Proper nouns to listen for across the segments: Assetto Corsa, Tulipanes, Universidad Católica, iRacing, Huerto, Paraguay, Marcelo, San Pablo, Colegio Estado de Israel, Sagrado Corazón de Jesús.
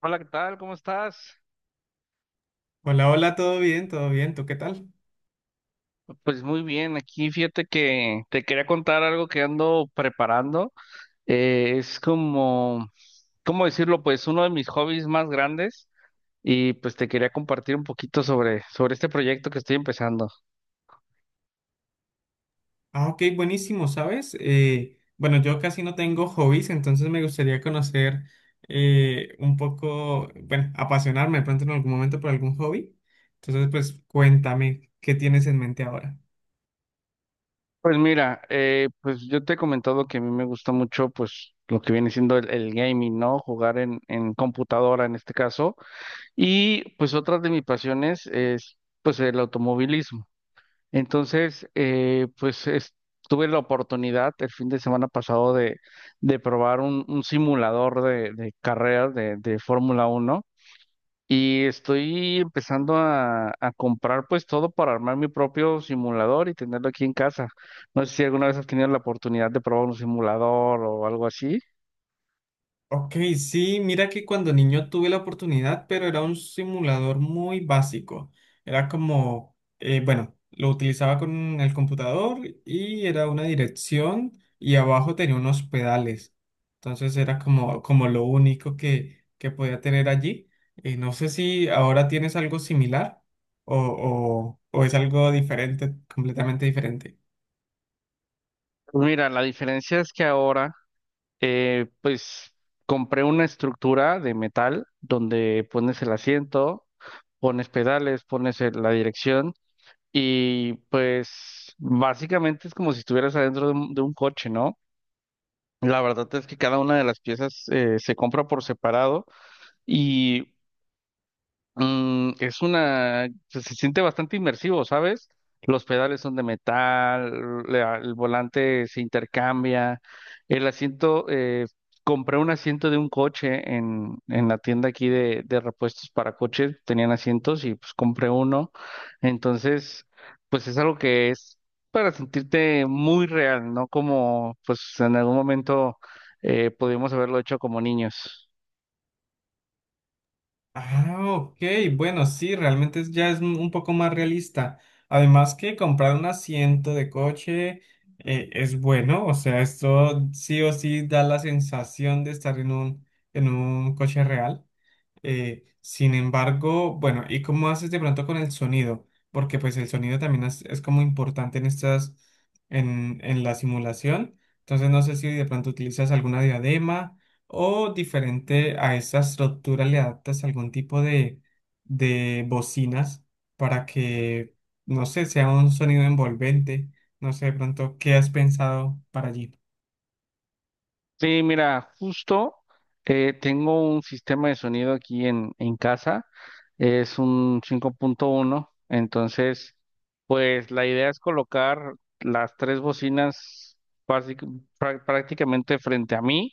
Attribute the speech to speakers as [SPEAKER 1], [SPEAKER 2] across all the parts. [SPEAKER 1] Hola, ¿qué tal? ¿Cómo estás?
[SPEAKER 2] Hola, hola, todo bien, ¿tú qué tal?
[SPEAKER 1] Pues muy bien, aquí fíjate que te quería contar algo que ando preparando. Es como, ¿cómo decirlo? Pues uno de mis hobbies más grandes y pues te quería compartir un poquito sobre este proyecto que estoy empezando.
[SPEAKER 2] Ah, ok, buenísimo, ¿sabes? Bueno, yo casi no tengo hobbies, entonces me gustaría conocer un poco, bueno, apasionarme de pronto en algún momento por algún hobby. Entonces, pues cuéntame, ¿qué tienes en mente ahora?
[SPEAKER 1] Pues mira, pues yo te he comentado que a mí me gusta mucho pues lo que viene siendo el gaming, ¿no? Jugar en computadora en este caso. Y pues otra de mis pasiones es pues el automovilismo. Entonces, pues tuve la oportunidad el fin de semana pasado de probar un simulador de carreras de Fórmula Uno, y estoy empezando a comprar pues todo para armar mi propio simulador y tenerlo aquí en casa. No sé si alguna vez has tenido la oportunidad de probar un simulador o algo así.
[SPEAKER 2] Ok, sí, mira que cuando niño tuve la oportunidad, pero era un simulador muy básico. Era como, bueno, lo utilizaba con el computador y era una dirección y abajo tenía unos pedales. Entonces era como, como lo único que podía tener allí. No sé si ahora tienes algo similar o, o es algo diferente, completamente diferente.
[SPEAKER 1] Pues mira, la diferencia es que ahora, pues compré una estructura de metal donde pones el asiento, pones pedales, pones la dirección y pues básicamente es como si estuvieras adentro de un coche, ¿no? La verdad es que cada una de las piezas se compra por separado y, se siente bastante inmersivo, ¿sabes? Los pedales son de metal, el volante se intercambia, el asiento, compré un asiento de un coche en la tienda aquí de repuestos para coches, tenían asientos y pues compré uno. Entonces pues es algo que es para sentirte muy real, ¿no? Como pues en algún momento pudimos haberlo hecho como niños.
[SPEAKER 2] Ah, ok, bueno, sí, realmente es- ya es un poco más realista. Además que comprar un asiento de coche es bueno, o sea, esto sí o sí da la sensación de estar en un coche real. Sin embargo, bueno, ¿y cómo haces de pronto con el sonido? Porque pues el sonido también es como importante en estas, en la simulación. Entonces no sé si de pronto utilizas alguna diadema o diferente a esa estructura le adaptas algún tipo de bocinas para que, no sé, sea un sonido envolvente. No sé de pronto qué has pensado para allí.
[SPEAKER 1] Sí, mira, justo tengo un sistema de sonido aquí en casa, es un 5.1, entonces pues la idea es colocar las tres bocinas básic- prácticamente frente a mí.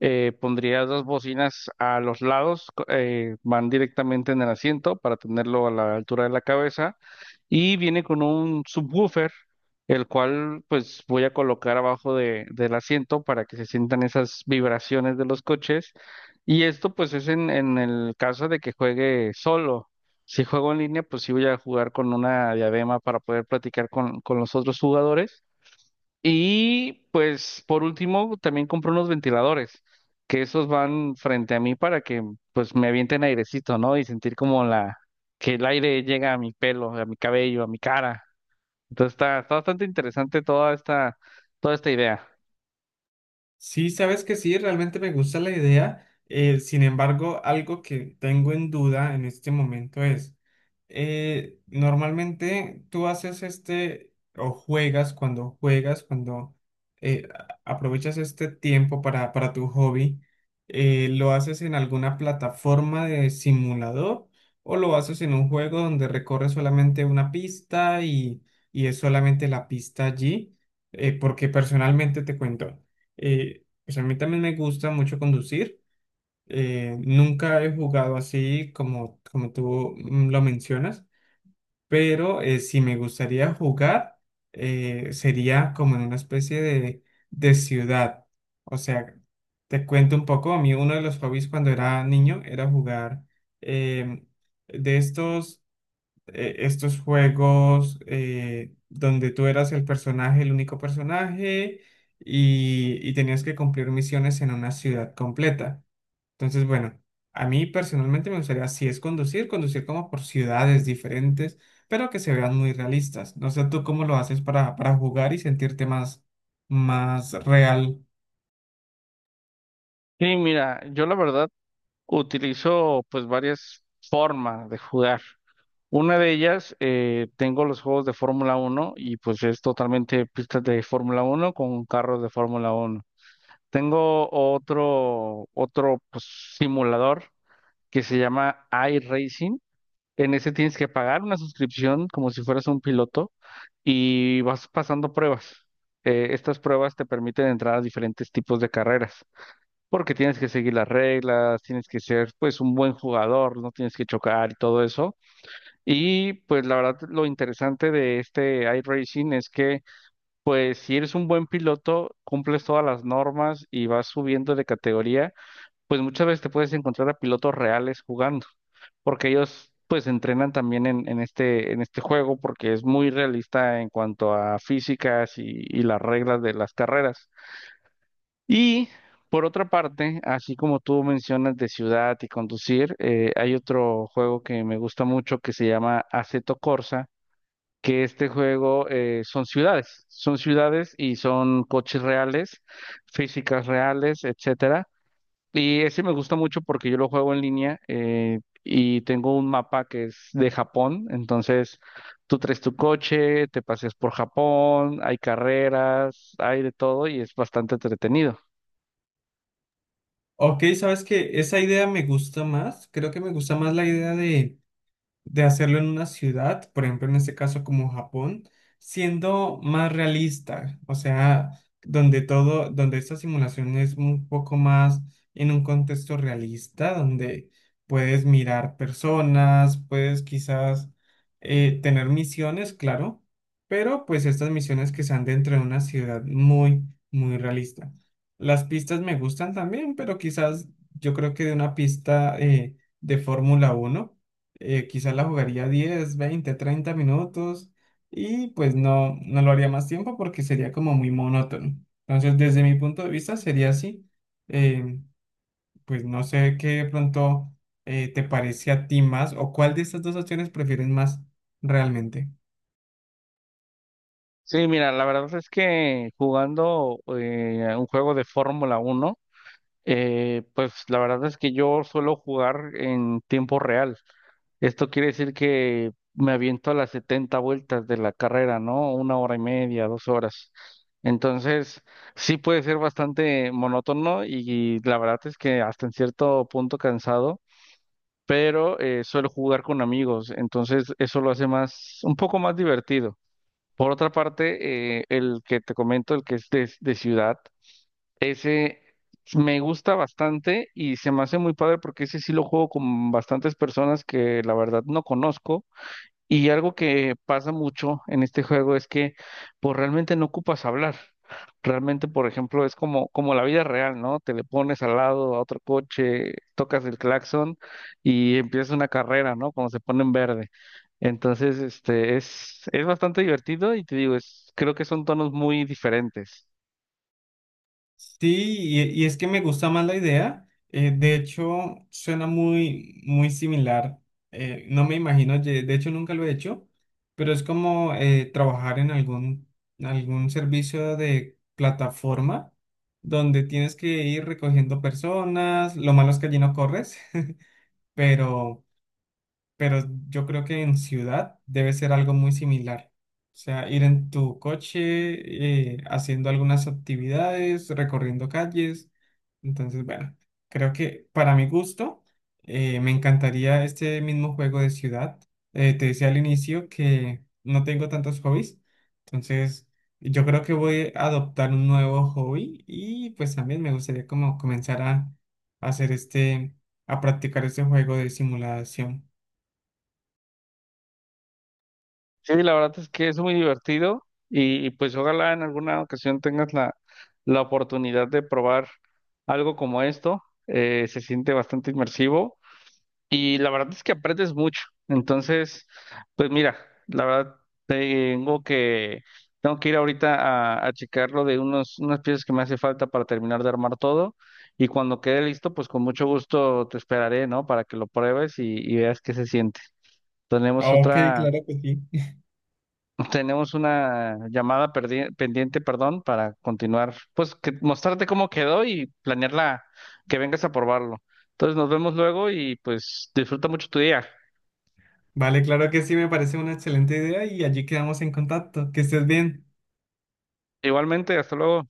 [SPEAKER 1] Pondría dos bocinas a los lados, van directamente en el asiento para tenerlo a la altura de la cabeza, y viene con un subwoofer, el cual pues voy a colocar abajo del asiento para que se sientan esas vibraciones de los coches, y esto pues es en el caso de que juegue solo. Si juego en línea, pues sí voy a jugar con una diadema para poder platicar con los otros jugadores. Y pues por último también compré unos ventiladores, que esos van frente a mí para que pues me avienten airecito, ¿no? Y sentir como la que el aire llega a mi pelo, a mi cabello, a mi cara. Entonces está bastante interesante toda esta idea.
[SPEAKER 2] Sí, sabes que sí, realmente me gusta la idea. Sin embargo, algo que tengo en duda en este momento es, normalmente tú haces este o juegas, cuando aprovechas este tiempo para tu hobby, ¿lo haces en alguna plataforma de simulador o lo haces en un juego donde recorres solamente una pista y es solamente la pista allí? Porque personalmente te cuento. Pues a mí también me gusta mucho conducir. Nunca he jugado así como, como tú lo mencionas, pero si me gustaría jugar, sería como en una especie de ciudad. O sea, te cuento un poco, a mí uno de los hobbies cuando era niño era jugar eh, de estos estos juegos donde tú eras el personaje, el único personaje, y tenías que cumplir misiones en una ciudad completa. Entonces, bueno, a mí personalmente me gustaría, si es conducir, conducir como por ciudades diferentes, pero que se vean muy realistas. No sé tú cómo lo haces para jugar y sentirte más, más real.
[SPEAKER 1] Sí, mira, yo la verdad utilizo pues varias formas de jugar. Una de ellas, tengo los juegos de Fórmula uno y pues es totalmente pistas de Fórmula uno con carros de Fórmula uno. Tengo otro pues simulador, que se llama iRacing. En ese tienes que pagar una suscripción como si fueras un piloto y vas pasando pruebas. Estas pruebas te permiten entrar a diferentes tipos de carreras, porque tienes que seguir las reglas, tienes que ser pues un buen jugador, no tienes que chocar y todo eso. Y pues la verdad lo interesante de este iRacing es que, pues si eres un buen piloto, cumples todas las normas y vas subiendo de categoría, pues muchas veces te puedes encontrar a pilotos reales jugando, porque ellos pues entrenan también en este, en este, juego, porque es muy realista en cuanto a físicas y las reglas de las carreras. Y por otra parte, así como tú mencionas de ciudad y conducir, hay otro juego que me gusta mucho, que se llama Assetto Corsa, que este juego, son ciudades y son coches reales, físicas reales, etcétera, y ese me gusta mucho porque yo lo juego en línea, y tengo un mapa que es de Japón. Entonces, tú traes tu coche, te paseas por Japón, hay carreras, hay de todo, y es bastante entretenido.
[SPEAKER 2] Ok, sabes que esa idea me gusta más. Creo que me gusta más la idea de hacerlo en una ciudad, por ejemplo, en este caso como Japón, siendo más realista, o sea, donde todo, donde esta simulación es un poco más en un contexto realista, donde puedes mirar personas, puedes quizás tener misiones, claro, pero pues estas misiones que sean dentro de una ciudad muy, muy realista. Las pistas me gustan también, pero quizás yo creo que de una pista de Fórmula 1 quizás la jugaría 10, 20, 30 minutos y pues no, no lo haría más tiempo porque sería como muy monótono. Entonces, desde mi punto de vista sería así. Eh, pues no sé qué de pronto te parece a ti más o cuál de estas dos opciones prefieres más realmente.
[SPEAKER 1] Sí, mira, la verdad es que jugando un juego de Fórmula Uno, pues la verdad es que yo suelo jugar en tiempo real. Esto quiere decir que me aviento a las 70 vueltas de la carrera, ¿no? Una hora y media, 2 horas. Entonces, sí puede ser bastante monótono y, la verdad es que hasta en cierto punto cansado, pero suelo jugar con amigos, entonces eso lo hace más, un poco más divertido. Por otra parte, el que te comento, el que es de ciudad, ese me gusta bastante y se me hace muy padre porque ese sí lo juego con bastantes personas que la verdad no conozco, y algo que pasa mucho en este juego es que pues realmente no ocupas hablar. Realmente, por ejemplo, es como, la vida real, ¿no? Te le pones al lado a otro coche, tocas el claxon y empieza una carrera, ¿no? Cuando se pone en verde. Entonces, es bastante divertido y te digo, creo que son tonos muy diferentes.
[SPEAKER 2] Sí, y es que me gusta más la idea. De hecho, suena muy, muy similar. No me imagino, ye- de hecho nunca lo he hecho, pero es como trabajar en algún, algún servicio de plataforma donde tienes que ir recogiendo personas. Lo malo es que allí no corres, pero pero yo creo que en ciudad debe ser algo muy similar. O sea, ir en tu coche, haciendo algunas actividades, recorriendo calles. Entonces, bueno, creo que para mi gusto, me encantaría este mismo juego de ciudad. Te decía al inicio que no tengo tantos hobbies, entonces yo creo que voy a adoptar un nuevo hobby y pues también me gustaría como comenzar a hacer este, a practicar este juego de simulación.
[SPEAKER 1] Sí, la verdad es que es muy divertido, y pues ojalá en alguna ocasión tengas la oportunidad de probar algo como esto. Se siente bastante inmersivo y la verdad es que aprendes mucho. Entonces, pues mira, la verdad tengo que, tengo que ir ahorita a checar lo de unas piezas que me hace falta para terminar de armar todo, y cuando quede listo, pues con mucho gusto te esperaré, ¿no? Para que lo pruebes y veas qué se siente. Tenemos
[SPEAKER 2] Ah, Ok,
[SPEAKER 1] otra
[SPEAKER 2] claro que sí.
[SPEAKER 1] tenemos una llamada pendiente, perdón, para continuar, pues que, mostrarte cómo quedó y planearla, que vengas a probarlo. Entonces nos vemos luego y pues disfruta mucho tu día.
[SPEAKER 2] Vale, claro que sí, me parece una excelente idea y allí quedamos en contacto. Que estés bien.
[SPEAKER 1] Igualmente, hasta luego.